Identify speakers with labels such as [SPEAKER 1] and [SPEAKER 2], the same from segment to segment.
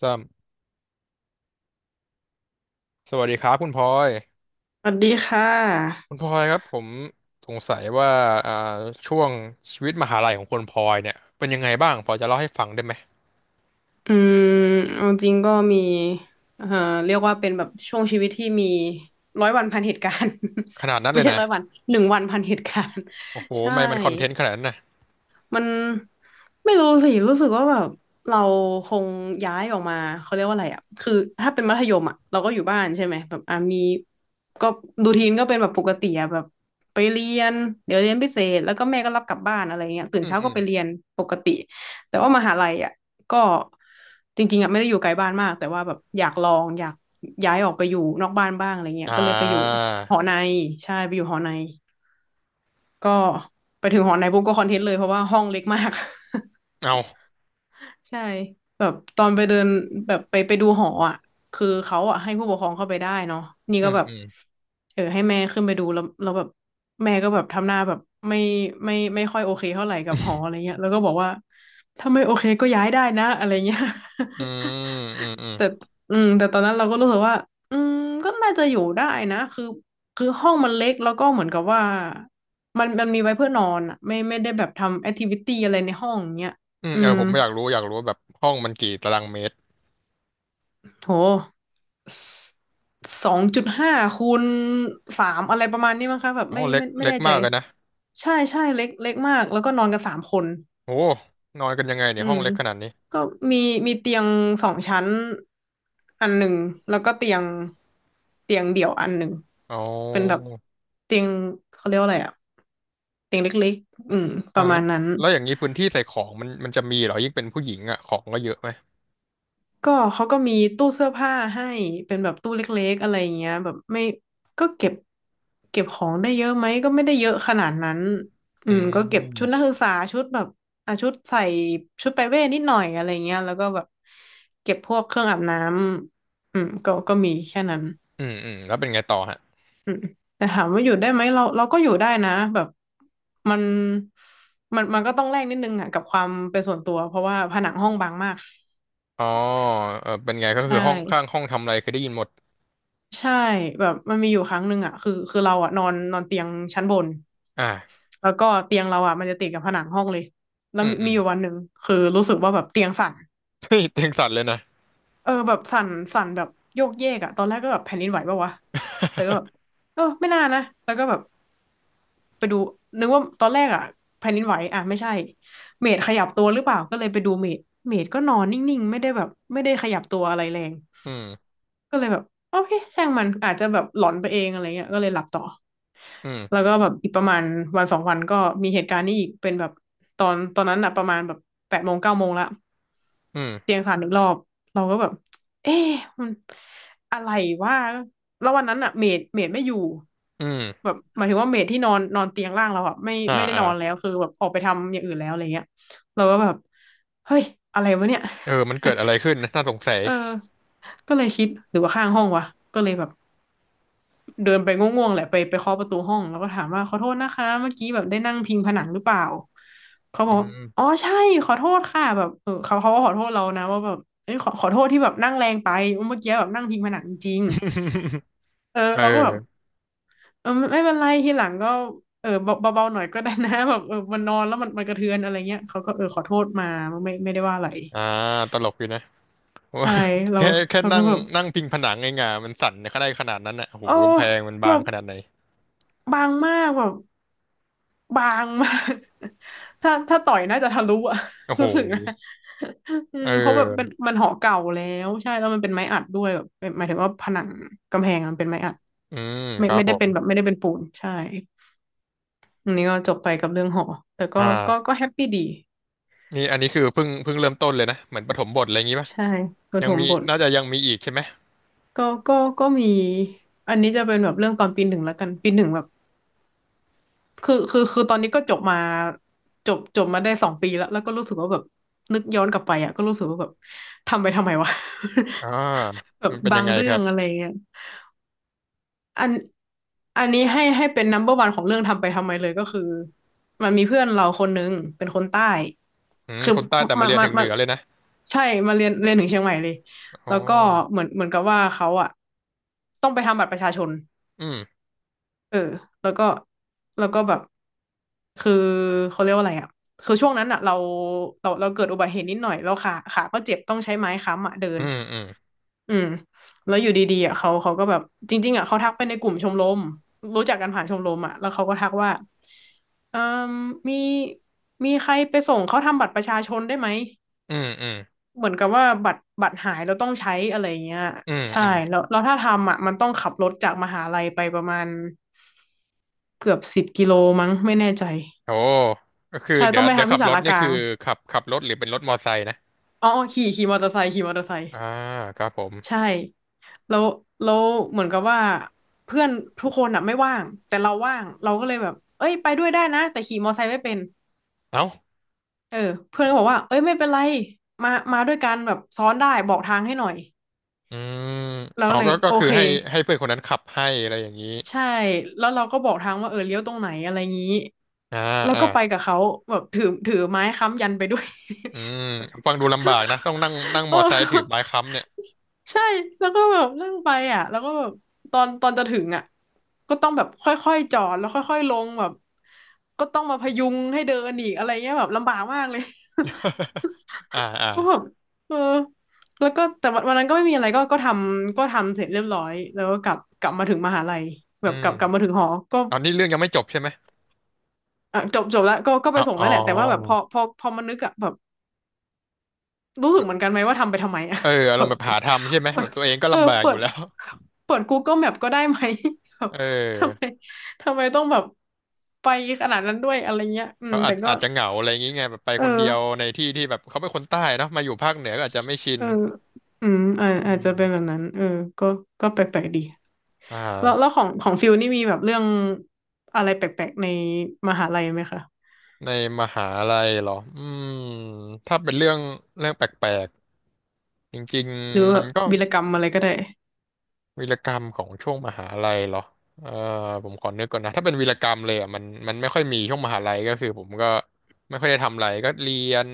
[SPEAKER 1] สามสวัสดีครับคุณพลอย
[SPEAKER 2] สวัสดีค่ะ
[SPEAKER 1] คุณพลอยครับผมสงสัยว่าอ่าช่วงชีวิตมหาลัยของคุณพลอยเนี่ยเป็นยังไงบ้างพอจะเล่าให้ฟังได้ไหม
[SPEAKER 2] อืมเอาจริงก็มีเอ่อเรียกว่าเป็นแบบช่วงชีวิตที่มีร้อยวันพันเหตุการณ์
[SPEAKER 1] ขนาดนั้ นเล
[SPEAKER 2] ไม่
[SPEAKER 1] ย
[SPEAKER 2] ใช่
[SPEAKER 1] นะ
[SPEAKER 2] ร้อยวันหนึ่งวันพันเหตุการณ์
[SPEAKER 1] โอ้โห ทำ
[SPEAKER 2] ใช่
[SPEAKER 1] ไมมันคอนเทนต์ขนาดนั้นนะ
[SPEAKER 2] มันไม่รู้สิรู้สึกว่าแบบเราคงย้ายออกมาเขาเรียกว่าอะไรอ่ะคือถ้าเป็นมัธยมอ่ะเราก็อยู่บ้านใช่ไหมแบบอ่ะมีก็รูทีนก็เป็นแบบปกติอ่ะแบบไปเรียนเดี๋ยวเรียนพิเศษแล้วก็แม่ก็รับกลับบ้านอะไรเงี้ยตื่น
[SPEAKER 1] อืม
[SPEAKER 2] เช้า
[SPEAKER 1] อื
[SPEAKER 2] ก็
[SPEAKER 1] ม
[SPEAKER 2] ไปเรียนปกติแต่ว่ามหาลัยอ่ะก็จริงๆอ่ะไม่ได้อยู่ไกลบ้านมากแต่ว่าแบบอยากลองอยากย้ายออกไปอยู่นอกบ้านบ้างอะไรเงี้ย
[SPEAKER 1] อ่า
[SPEAKER 2] ก็เลยไปอยู่หอในใช่ไปอยู่หอใน ก็ไปถึงหอในปุ๊บก็คอนเทนต์เลยเพราะว่าห้องเล็กมาก
[SPEAKER 1] เอา
[SPEAKER 2] ใช่แบบตอนไปเดินแบบไปดูหออ่ะคือเขาอ่ะให้ผู้ปกครองเข้าไปได้เนาะนี่
[SPEAKER 1] อื
[SPEAKER 2] ก็
[SPEAKER 1] ม
[SPEAKER 2] แบบ
[SPEAKER 1] อืม
[SPEAKER 2] เออให้แม่ขึ้นไปดูแล้วแล้วแบบแม่ก็แบบทำหน้าแบบไม่ไม่ค่อยโอเคเท่าไหร่กับหออะไรเงี้ยแล้วก็บอกว่าถ้าไม่โอเคก็ย้ายได้นะอะไรเงี้ย
[SPEAKER 1] อืมอืม อืม
[SPEAKER 2] แต่แต่ตอนนั้นเราก็รู้สึกว่าอืมก็น่าจะอยู่ได้นะคือห้องมันเล็ก แล้วก็เหมือนกับว่า มันมีไว้เพื่อนอนอะไม่ได้แบบทำแอคทิวิตี้อะไรในห้องเนี้ย
[SPEAKER 1] อืม
[SPEAKER 2] อื
[SPEAKER 1] เออ
[SPEAKER 2] ม
[SPEAKER 1] ผมอยากรู้ว่าแบบห้องมันกี่ตารางเมตร
[SPEAKER 2] โห2.5 คูณ 3อะไรประมาณนี้มั้งคะแบบ
[SPEAKER 1] อ๋อ
[SPEAKER 2] ไม่
[SPEAKER 1] เล็ก
[SPEAKER 2] ไม่ไม่
[SPEAKER 1] เล็ก
[SPEAKER 2] แน่ใจ
[SPEAKER 1] มากเลยนะ
[SPEAKER 2] ใช่ใช่เล็กเล็กมาก แล้วก็นอนกัน3 คน
[SPEAKER 1] โอ้นอนกันยังไงเนี่
[SPEAKER 2] อื
[SPEAKER 1] ยห้อ
[SPEAKER 2] ม
[SPEAKER 1] งเล็กขนาดนี้
[SPEAKER 2] ก็มีมีเตียงสองชั้นอันหนึ่งแล้วก็เตียงเดี่ยวอันหนึ่ง
[SPEAKER 1] อ๋อ
[SPEAKER 2] เป็นแบบเตียงเขาเรียกว่าอะไรอะเตียงเล็กๆป
[SPEAKER 1] อ่ะ
[SPEAKER 2] ระ
[SPEAKER 1] แล้
[SPEAKER 2] มา
[SPEAKER 1] ว
[SPEAKER 2] ณนั้น
[SPEAKER 1] แล้วอย่างนี้พื้นที่ใส่ของมันจะมีเหรอยิ่งเป็นผู้หญิงอ่ะของก็เยอะไหม
[SPEAKER 2] ก็เขาก็มีตู้เสื้อผ้าให้เป็นแบบตู้เล็กๆอะไรอย่างเงี้ยแบบไม่ก็เก็บของได้เยอะไหมก็ไม่ได้เยอะขนาดนั้น
[SPEAKER 1] อื
[SPEAKER 2] ก็เก็บ
[SPEAKER 1] ม
[SPEAKER 2] ชุดนั
[SPEAKER 1] อ
[SPEAKER 2] กศึกษาชุดแบบอ่ะชุดใส่ชุดไปเว่นิดหน่อยอะไรเงี้ยแล้วก็แบบเก็บพวกเครื่องอาบน้ำก็มีแค่นั้น
[SPEAKER 1] ืมอืมแล้วเป็นไงต่อฮะ
[SPEAKER 2] อืมแต่ถามว่าอยู่ได้ไหมเราก็อยู่ได้นะแบบมันมันก็ต้องแลกนิดนึงอ่ะกับความเป็นส่วนตัวเพราะว่าผนังห้องบางมาก
[SPEAKER 1] อ๋อเออเป็นไงก็คื
[SPEAKER 2] ใช่
[SPEAKER 1] อห้องข้างห้องทำอะไรเคยได้ยินหมด
[SPEAKER 2] ใช่แบบมันมีอยู่ครั้งหนึ่งอ่ะคือเราอ่ะนอนนอนเตียงชั้นบน
[SPEAKER 1] อ่า
[SPEAKER 2] แล้วก็เตียงเราอ่ะมันจะติดกับผนังห้องเลยแล้
[SPEAKER 1] อื
[SPEAKER 2] ว
[SPEAKER 1] ม
[SPEAKER 2] มี
[SPEAKER 1] อื
[SPEAKER 2] มี
[SPEAKER 1] ม
[SPEAKER 2] อยู่วันหนึ่งคือรู้สึกว่าแบบเตียงสั่น
[SPEAKER 1] เฮ้ยเตียงสั่นเลยนะ
[SPEAKER 2] เออแบบสั่นสั่นแบบโยกเยกอะตอนแรกก็แบบแผ่นดินไหวปะวะแต่ก็แบบเออไม่น่านะแล้วก็แบบไปดูนึกว่าตอนแรกอ่ะแผ่นดินไหวอะไม่ใช่เมดขยับตัวหรือเปล่าก็เลยไปดูเมดเมดก็นอนนิ่งๆไม่ได้แบบไม่ได้ขยับตัวอะไรแรง
[SPEAKER 1] อืม
[SPEAKER 2] ก็เลยแบบโอเคช่างมันอาจจะแบบหลอนไปเองอะไรเงี้ยก็เลยหลับต่อ
[SPEAKER 1] อืม
[SPEAKER 2] แล้วก็แบบอีกประมาณวันสองวันก็มีเหตุการณ์นี้อีกเป็นแบบตอนนั้นอะประมาณแบบ8 โมง 9 โมงละ
[SPEAKER 1] อืม
[SPEAKER 2] เตียงสั่นอีกรอบเราก็แบบเอ๊ะมันอะไรวะแล้ววันนั้นอะเมดไม่อยู่
[SPEAKER 1] อื
[SPEAKER 2] แบ
[SPEAKER 1] ม
[SPEAKER 2] บหมายถึงว่าเมดที่นอนนอนเตียงล่างเราอะไม่
[SPEAKER 1] อ่า
[SPEAKER 2] ไม่ได้
[SPEAKER 1] อ่า
[SPEAKER 2] นอนแล้วคือแบบออกไปทำอย่างอื่นแล้วอะไรเงี้ยเราก็แบบเฮ้ยอะไรวะเนี่ย
[SPEAKER 1] เออมันเกิดอะไรขึ้นนะน่าสง สัย
[SPEAKER 2] เออก็เลยคิดหรือว่าข้างห้องวะก็เลยแบบ เดินไปง่วงๆแหละไปเคาะประตูห้องแล้วก็ถามว่าขอโทษนะคะเมื่อกี้แบบได้นั่งพิงผนังหรือเปล่าเขาบ
[SPEAKER 1] อื
[SPEAKER 2] อกว่า
[SPEAKER 1] ม
[SPEAKER 2] อ๋อใช่ขอโทษค่ะแบบเออเขาก็ขอโทษเรานะว่าแบบเอ้ยขอโทษที่แบบนั่งแรงไปเมื่อกี้แบบนั่งพิงผนังจริงๆเออ
[SPEAKER 1] เอ
[SPEAKER 2] เราก็แบบ
[SPEAKER 1] อ
[SPEAKER 2] เออไม่เป็นไรทีหลังก็เออเบาเบาๆหน่อยก็ได้นะ แบบเออมันนอนแล้วมันกระเทือนอะไรเงี้ยเขาก็เออขอโทษมาไม่ได้ว่าอะไร
[SPEAKER 1] อ่าตลกอยู่นะ
[SPEAKER 2] ใช่
[SPEAKER 1] ว่า
[SPEAKER 2] เรา
[SPEAKER 1] แค่
[SPEAKER 2] เรา
[SPEAKER 1] นั่
[SPEAKER 2] ก็
[SPEAKER 1] ง
[SPEAKER 2] แบบ
[SPEAKER 1] นั่งพิงผนังเองอะมันสั่นขนาดนั้นอ่ะโอ้โห
[SPEAKER 2] เออ
[SPEAKER 1] กำแพงมัน
[SPEAKER 2] แบ
[SPEAKER 1] บาง
[SPEAKER 2] บ
[SPEAKER 1] ขนาดไหน
[SPEAKER 2] บางมากแบบ บางมาก ถ้าต่อยน่าจะทะลุอะ
[SPEAKER 1] โอ้ โห
[SPEAKER 2] รู้สึกนะ อื
[SPEAKER 1] เอ
[SPEAKER 2] มเพราะแบบเป็น
[SPEAKER 1] อ
[SPEAKER 2] มันหอเก่าแล้วใช่แล้วมันเป็นไม้อัดด้วยแบบเป็นหมายถึงว่าผนังกำแพงอะมันเป็นไม้อัด
[SPEAKER 1] อืม
[SPEAKER 2] ไม่
[SPEAKER 1] ครับ
[SPEAKER 2] ไม่
[SPEAKER 1] ผ
[SPEAKER 2] ได้
[SPEAKER 1] ม
[SPEAKER 2] เป็นแบบไม่ได้เป็นปูนใช่อันนี้ก็จบไปกับเรื่องหอแต่ก็
[SPEAKER 1] อ่
[SPEAKER 2] ก็
[SPEAKER 1] า
[SPEAKER 2] ก็แฮปปี้ดี
[SPEAKER 1] นี่อันนี้คือเพิ่งเริ่มต้นเลยนะเหมือนปฐมบทอะไรอย่างงี้ปะ
[SPEAKER 2] ใช่ประ
[SPEAKER 1] ยั
[SPEAKER 2] ถ
[SPEAKER 1] ง
[SPEAKER 2] ม
[SPEAKER 1] มี
[SPEAKER 2] บท
[SPEAKER 1] น่าจะยังมีอีกใช่ไหม
[SPEAKER 2] ก็ก็มีอันนี้จะเป็นแบบเรื่องตอนปีหนึ่งแล้วกันปีหนึ่งแบบ คือตอนนี้ก็จบมาจบมาได้2 ปีแล้วแล้วก็รู้สึกว่าแบบนึกย้อนกลับไปอ่ะก็รู้สึกว่าแบบทำไปทำไมวะ
[SPEAKER 1] อ่า
[SPEAKER 2] แบบ
[SPEAKER 1] มันเป็น
[SPEAKER 2] บา
[SPEAKER 1] ยัง
[SPEAKER 2] ง
[SPEAKER 1] ไงค
[SPEAKER 2] เรื่อ
[SPEAKER 1] รับ
[SPEAKER 2] งอะไรเงี้ยอันอันนี้ให้เป็น number one ของเรื่องทำไปทำไมเลยก็คือมันมีเพื่อนเราคนนึงเป็นคนใต้
[SPEAKER 1] อืม
[SPEAKER 2] คือ
[SPEAKER 1] คนใต้
[SPEAKER 2] มา
[SPEAKER 1] แต่มาเรียน
[SPEAKER 2] มา
[SPEAKER 1] ถึงเห
[SPEAKER 2] มา
[SPEAKER 1] นือเลยนะ
[SPEAKER 2] ใช่มาเรียนถึงเชียงใหม่เลย
[SPEAKER 1] อ๋อ
[SPEAKER 2] แล้วก็เหมือนกับว่าเขาอ่ะต้องไปทำบัตรประชาชน
[SPEAKER 1] อืม
[SPEAKER 2] เออแล้วก็แบบคือเขาเรียกว่าอะไรอ่ะคือช่วงนั้นอ่ะเราเกิดอุบัติเหตุนิดหน่อยแล้วขาก็เจ็บต้องใช้ไม้ค้ำอ่ะเดิ
[SPEAKER 1] อื
[SPEAKER 2] น
[SPEAKER 1] มอืม
[SPEAKER 2] อืมแล้วอยู่ดีๆอ่ะเขาก็แบบจริงๆอ่ะเขาทักไปในกลุ่มชมรมรู้จักกันผ่านชมรมอ่ะแล้วเขาก็ทักว่าเอ่มมีใครไปส่งเขาทำบัตรประชาชนได้ไหม
[SPEAKER 1] อืมอืม
[SPEAKER 2] เหมือนกับว่าบัตรหายเราต้องใช้อะไรอย่างเงี้ย
[SPEAKER 1] อืม
[SPEAKER 2] ใช่
[SPEAKER 1] อืม
[SPEAKER 2] แล้วแล้วถ้าทำอ่ะมันต้องขับรถจากมหาลัยไปประมาณ เกือบ10 กิโลมั้งไม่แน่ใจ
[SPEAKER 1] โอ้ก็คือ
[SPEAKER 2] ใช่ต้องไป
[SPEAKER 1] เดี๋ยว
[SPEAKER 2] ทำ
[SPEAKER 1] ขั
[SPEAKER 2] ที่
[SPEAKER 1] บ
[SPEAKER 2] ศา
[SPEAKER 1] รถ
[SPEAKER 2] ลาก
[SPEAKER 1] นี่
[SPEAKER 2] ลา
[SPEAKER 1] คือ
[SPEAKER 2] ง
[SPEAKER 1] ขับรถหรือเป็นรถมอไซค์นะ
[SPEAKER 2] อ๋อขี่มอเตอร์ไซค์ขี่มอเตอร์ไซค์
[SPEAKER 1] อ่าครับผม
[SPEAKER 2] ใช่แล้วแล้วเหมือนกับว่าเพื่อนทุกคนอ่ะไม่ว่างแต่เราว่างเราก็เลยแบบเอ้ยไปด้วยได้นะแต่ขี่มอเตอร์ไซค์ไม่เป็น
[SPEAKER 1] เอ้า
[SPEAKER 2] เออเพื่อนก็บอกว่าเอ้ยไม่เป็นไรมาด้วยกันแบบซ้อนได้บอกทางให้หน่อย
[SPEAKER 1] อืม
[SPEAKER 2] เรา
[SPEAKER 1] เอา
[SPEAKER 2] ก็เลย
[SPEAKER 1] ก็
[SPEAKER 2] โอ
[SPEAKER 1] คือ
[SPEAKER 2] เค
[SPEAKER 1] ให้เพื่อนคนนั้นขับให้อะไรอย่างนี้
[SPEAKER 2] ใช่แล้วเราก็บอกทางว่าเออเลี้ยวตรงไหนอะไรงี้
[SPEAKER 1] อ่า
[SPEAKER 2] แล้ว
[SPEAKER 1] อ่า
[SPEAKER 2] ก็ไปกับเขาแบบถือไม้ค้ำยันไปด้วย
[SPEAKER 1] อืมฟังดูลำบากนะต้องนั่งนั่ง ม
[SPEAKER 2] เอ
[SPEAKER 1] อ
[SPEAKER 2] อ
[SPEAKER 1] ไซค์ถือไม้ค้ำเนี่ย
[SPEAKER 2] ใช่แล้วก็แบบนั่งไปอ่ะแล้วก็แบบตอนจะถึงอ่ะก็ต้องแบบค่อยๆจอดแล้วค่อยๆลงแบบก็ต้องมาพยุงให้เดินอีกอะไรเงี้ยแบบลำบากมากเลย
[SPEAKER 1] อ่าอ่า
[SPEAKER 2] ก็แบบเออแล้วก็แต่วันนั้นก็ไม่มีอะไรก็ทำเสร็จเรียบร้อยแล้วก็กลับมาถึงมหาลัยแบ
[SPEAKER 1] อื
[SPEAKER 2] บกลับมา
[SPEAKER 1] ม
[SPEAKER 2] ถึงหอก็
[SPEAKER 1] ตอนนี้เรื่องยังไม่จบใช่ไหม
[SPEAKER 2] อ่ะจบแล้วก็ไป
[SPEAKER 1] อ๋อ
[SPEAKER 2] ส่ง
[SPEAKER 1] อ๋อ
[SPEAKER 2] แล้วแหละแต่ว่าแบบพอมันนึกอ่ะแบบรู้สึกเหมือนกันไหมว่าทำไปทำไมอ่ะ
[SPEAKER 1] เอออา
[SPEAKER 2] แบ
[SPEAKER 1] รมณ์
[SPEAKER 2] บ
[SPEAKER 1] แบบหาทำใช่ไหม
[SPEAKER 2] เปิ
[SPEAKER 1] แบ
[SPEAKER 2] ด
[SPEAKER 1] บตัวเองก็
[SPEAKER 2] เออ
[SPEAKER 1] ลำบาก
[SPEAKER 2] เปิ
[SPEAKER 1] อยู่
[SPEAKER 2] ด
[SPEAKER 1] แล้ว
[SPEAKER 2] เปิด Google Map ก็ได้ไหม แบบ
[SPEAKER 1] เ
[SPEAKER 2] ทำไม
[SPEAKER 1] ออ
[SPEAKER 2] ต้องแบบไปขนาดนั้นด้วยอะไรเงี้ยอืม
[SPEAKER 1] เขา
[SPEAKER 2] แต่ก็
[SPEAKER 1] อาจจะเหงาอะไรอย่างงี้ไงแบบไป
[SPEAKER 2] เอ
[SPEAKER 1] คนเดี
[SPEAKER 2] อ
[SPEAKER 1] ยวในที่ที่แบบเขาเป็นคนใต้เนาะมาอยู่ภาคเหนือก็อาจจะไม่ชิน
[SPEAKER 2] เอออืมอา
[SPEAKER 1] อื
[SPEAKER 2] อาจจะเป็นแบบ
[SPEAKER 1] ม
[SPEAKER 2] นั้นเออก็ก็แปลกๆดี
[SPEAKER 1] อ่
[SPEAKER 2] แล้ว
[SPEAKER 1] า
[SPEAKER 2] ของฟิลนี่มีแบบเรื่องอะไรแปลกๆในมหาลัยไหมคะ
[SPEAKER 1] ในมหาลัยเหรออืมถ้าเป็นเรื่องแปลกๆจริง
[SPEAKER 2] หรือว่า
[SPEAKER 1] ๆมั
[SPEAKER 2] แบ
[SPEAKER 1] น
[SPEAKER 2] บ
[SPEAKER 1] ก็
[SPEAKER 2] วีรกรรมอะไรก็ได้
[SPEAKER 1] วีรกรรมของช่วงมหาลัยเหรอเออผมขอนึกก่อนนะถ้าเป็นวีรกรรมเลยอ่ะมันไม่ค่อยมีช่วงมหาลัยก็คือผมก็ไม่ค่อยได้ทำอะไรก็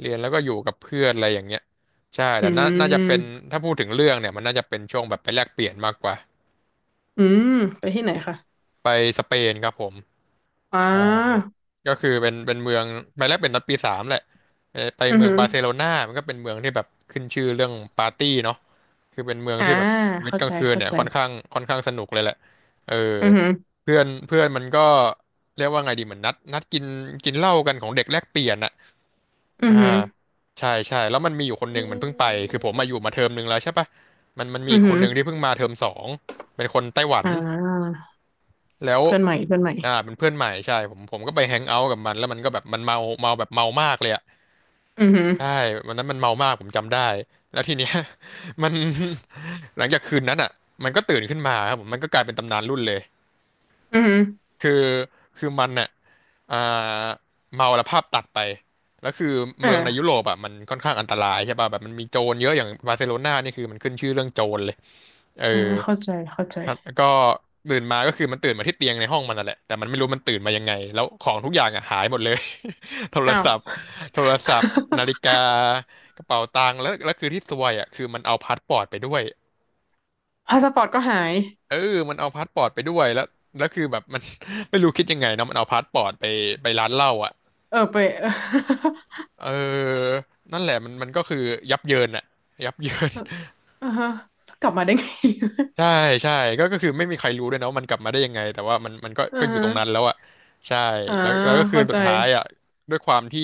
[SPEAKER 1] เรียนแล้วก็อยู่กับเพื่อนอะไรอย่างเงี้ยใช่
[SPEAKER 2] อื
[SPEAKER 1] แต่น่าจะเป็น
[SPEAKER 2] ม
[SPEAKER 1] ถ้าพูดถึงเรื่องเนี่ยมันน่าจะเป็นช่วงแบบไปแลกเปลี่ยนมากกว่า
[SPEAKER 2] อืมไปที่ไหนคะ
[SPEAKER 1] ไปสเปนครับผม
[SPEAKER 2] อ่า
[SPEAKER 1] ก็คือเป็นเมืองไปแรกเป็นตอนปีสามแหละไป
[SPEAKER 2] อือ
[SPEAKER 1] เมือง
[SPEAKER 2] หือ
[SPEAKER 1] บาร์เซโลนามันก็เป็นเมืองที่แบบขึ้นชื่อเรื่องปาร์ตี้เนาะคือเป็นเมือง
[SPEAKER 2] อ่า
[SPEAKER 1] ที่แบบชีวิต
[SPEAKER 2] เข้า
[SPEAKER 1] กลา
[SPEAKER 2] ใจ
[SPEAKER 1] งคืน
[SPEAKER 2] เข้า
[SPEAKER 1] เนี่ย
[SPEAKER 2] ใจ
[SPEAKER 1] ค่อนข้างสนุกเลยแหละเออ
[SPEAKER 2] อือหือ
[SPEAKER 1] เพื่อนเพื่อนมันก็เรียกว่าไงดีเหมือนนัดกินกินเหล้ากันของเด็กแลกเปลี่ยนอะ
[SPEAKER 2] อือ
[SPEAKER 1] อ่า
[SPEAKER 2] หือ
[SPEAKER 1] ใช่ใช่แล้วมันมีอยู่คนห
[SPEAKER 2] อื
[SPEAKER 1] นึ่งมันเพิ่งไปคือ
[SPEAKER 2] ม
[SPEAKER 1] ผมมาอยู่มาเทอมหนึ่งแล้วใช่ปะมันมี
[SPEAKER 2] อื
[SPEAKER 1] อี
[SPEAKER 2] อ
[SPEAKER 1] กค
[SPEAKER 2] หื
[SPEAKER 1] น
[SPEAKER 2] อ
[SPEAKER 1] หนึ่งที่เพิ่งมาเทอมสองเป็นคนไต้หวัน
[SPEAKER 2] อ่า
[SPEAKER 1] แล้ว
[SPEAKER 2] เพื่อนใหม่เพื่อนใหม่
[SPEAKER 1] อ่าเป็นเพื่อนใหม่ใช่ผมก็ไปแฮงเอาท์กับมันแล้วมันก็แบบมันเมาแบบเมามากเลยอะ
[SPEAKER 2] อือหือ
[SPEAKER 1] ใช่วันนั้นมันเมามากผมจำได้แล้วทีเนี้ย มัน หลังจากคืนนั้นอ่ะมันก็ตื่นขึ้นมาครับผมมันก็กลายเป็นตำนานรุ่นเลย
[SPEAKER 2] อือหือ
[SPEAKER 1] คือคือมันเนี่ยอ่าเมาแล้วภาพตัดไปแล้วคือ
[SPEAKER 2] อ่า
[SPEAKER 1] เมืองในยุโรปอ่ะมันค่อนข้างอันตรายใช่ป่ะแบบมันมีโจรเยอะอย่างบาร์เซโลนานี่คือมันขึ้นชื่อเรื่องโจรเลยเออ
[SPEAKER 2] อ่าเข้าใจเข้าใจ
[SPEAKER 1] ก็ตื่นมาก็คือมันตื่นมาที่เตียงในห้องมันนั่นแหละแต่มันไม่รู้มันตื่นมายังไงแล้วของทุกอย่างอ่ะหายหมดเลย โทร
[SPEAKER 2] อ้าว
[SPEAKER 1] ศัพท์โทรศัพท์นาฬิกา กระเป๋าตังค์แล้วคือที่ซวยอ่ะคือมันเอาพาสปอร์ตไปด้วย
[SPEAKER 2] พาสปอร์ตก็หาย
[SPEAKER 1] เออมันเอาพาสปอร์ตไปด้วยแล้วคือแบบ มัน ไม่รู้คิดยังไงเนาะมันเอาพาสปอร์ตไปไปร้านเหล้าอ่ะ
[SPEAKER 2] เออไป
[SPEAKER 1] เออนั่นแหละมันก็คือยับเยินอ่ะยับเยิน
[SPEAKER 2] เอออ่าฮะกลับมาได้ไง
[SPEAKER 1] ใช่ใช่ก็คือไม่มีใครรู้ด้วยนะว่ามันกลับมาได้ยังไงแต่ว่ามันก็
[SPEAKER 2] อ่า
[SPEAKER 1] อยู่
[SPEAKER 2] ฮะ
[SPEAKER 1] ตรงนั้นแล้วอ่ะใช่
[SPEAKER 2] อ่า
[SPEAKER 1] แล้วก็คือ
[SPEAKER 2] เข้า
[SPEAKER 1] สุ
[SPEAKER 2] ใจ
[SPEAKER 1] ดท้ายอ่ะด้วยความที่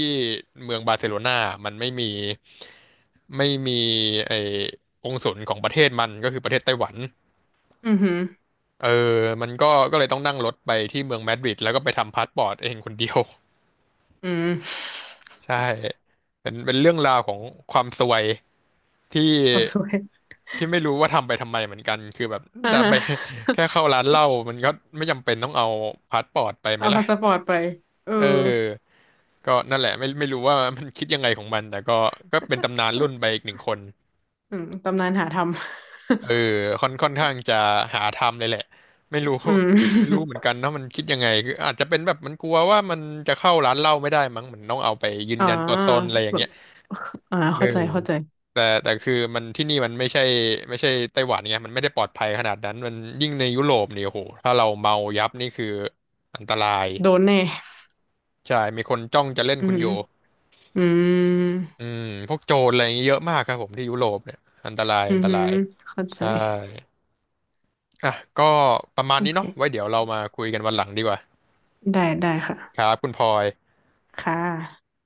[SPEAKER 1] เมืองบาร์เซโลนามันไม่มีไอ้องค์ศุลของประเทศมันก็คือประเทศไต้หวัน
[SPEAKER 2] อือหือ
[SPEAKER 1] เออมันก็เลยต้องนั่งรถไปที่เมืองมาดริดแล้วก็ไปทำพาสปอร์ตเองคนเดียว
[SPEAKER 2] อืม
[SPEAKER 1] ใช่เป็นเรื่องราวของความซวย ที่
[SPEAKER 2] ขอบสวย
[SPEAKER 1] ที่ไม่รู้ว่าทำไปทำไมเหมือนกันคือแบบจะไป แค่เข้าร้านเหล้ามันก็ไม่จำเป็นต้องเอาพาสปอร์ตไปไหม
[SPEAKER 2] เอา
[SPEAKER 1] ล่ะ
[SPEAKER 2] พาสปอร์ตไปเออ
[SPEAKER 1] เออก็นั่นแหละไม่รู้ว่ามันคิดยังไงของมันแต่ก็ก็เป็นตำนานรุ่นไป อีกหนึ่งคน
[SPEAKER 2] อืมตำนานหาทำ
[SPEAKER 1] เออค่อนข้างจะหาทำเลยแหละไม่รู้
[SPEAKER 2] อืม
[SPEAKER 1] ไม่รู้เหมือน กันเนาะมันคิดยังไงคืออาจจะเป็นแบบมันกลัวว่ามันจะเข้าร้านเหล้าไม่ได้มั้งมันต้องเอาไปยืน
[SPEAKER 2] อ่า
[SPEAKER 1] ยันตัวตนอะไรอย่าง
[SPEAKER 2] แบ
[SPEAKER 1] เงี้
[SPEAKER 2] บ
[SPEAKER 1] ย
[SPEAKER 2] อ่า
[SPEAKER 1] เออ
[SPEAKER 2] เข้าใจเข้าใจ
[SPEAKER 1] แต่คือมันที่นี่มันไม่ใช่ไต้หวันไงมันไม่ได้ปลอดภัยขนาดนั้นมันยิ่งในยุโรปเนี่ยโอ้โหถ้าเราเมายับนี่คืออันตราย
[SPEAKER 2] โดนแน่
[SPEAKER 1] ใช่มีคนจ้องจะเล่น
[SPEAKER 2] อื
[SPEAKER 1] คุณ
[SPEAKER 2] ม
[SPEAKER 1] อยู่
[SPEAKER 2] อืม
[SPEAKER 1] อืมพวกโจรอะไรอย่างเงี้ยเยอะมากครับผมที่ยุโรปเนี่ยอันตราย
[SPEAKER 2] อื
[SPEAKER 1] อัน
[SPEAKER 2] อ
[SPEAKER 1] ต
[SPEAKER 2] หื
[SPEAKER 1] รา
[SPEAKER 2] อ
[SPEAKER 1] ย
[SPEAKER 2] เข้าใจ
[SPEAKER 1] ใช่อ่ะก็ประมาณ
[SPEAKER 2] โอ
[SPEAKER 1] นี้
[SPEAKER 2] เค
[SPEAKER 1] เนาะไว้เดี๋ยวเรามาคุยกันวันหลังดีกว่า
[SPEAKER 2] ได้ได้ค่ะ
[SPEAKER 1] ครับคุณพลอย
[SPEAKER 2] ค่ะ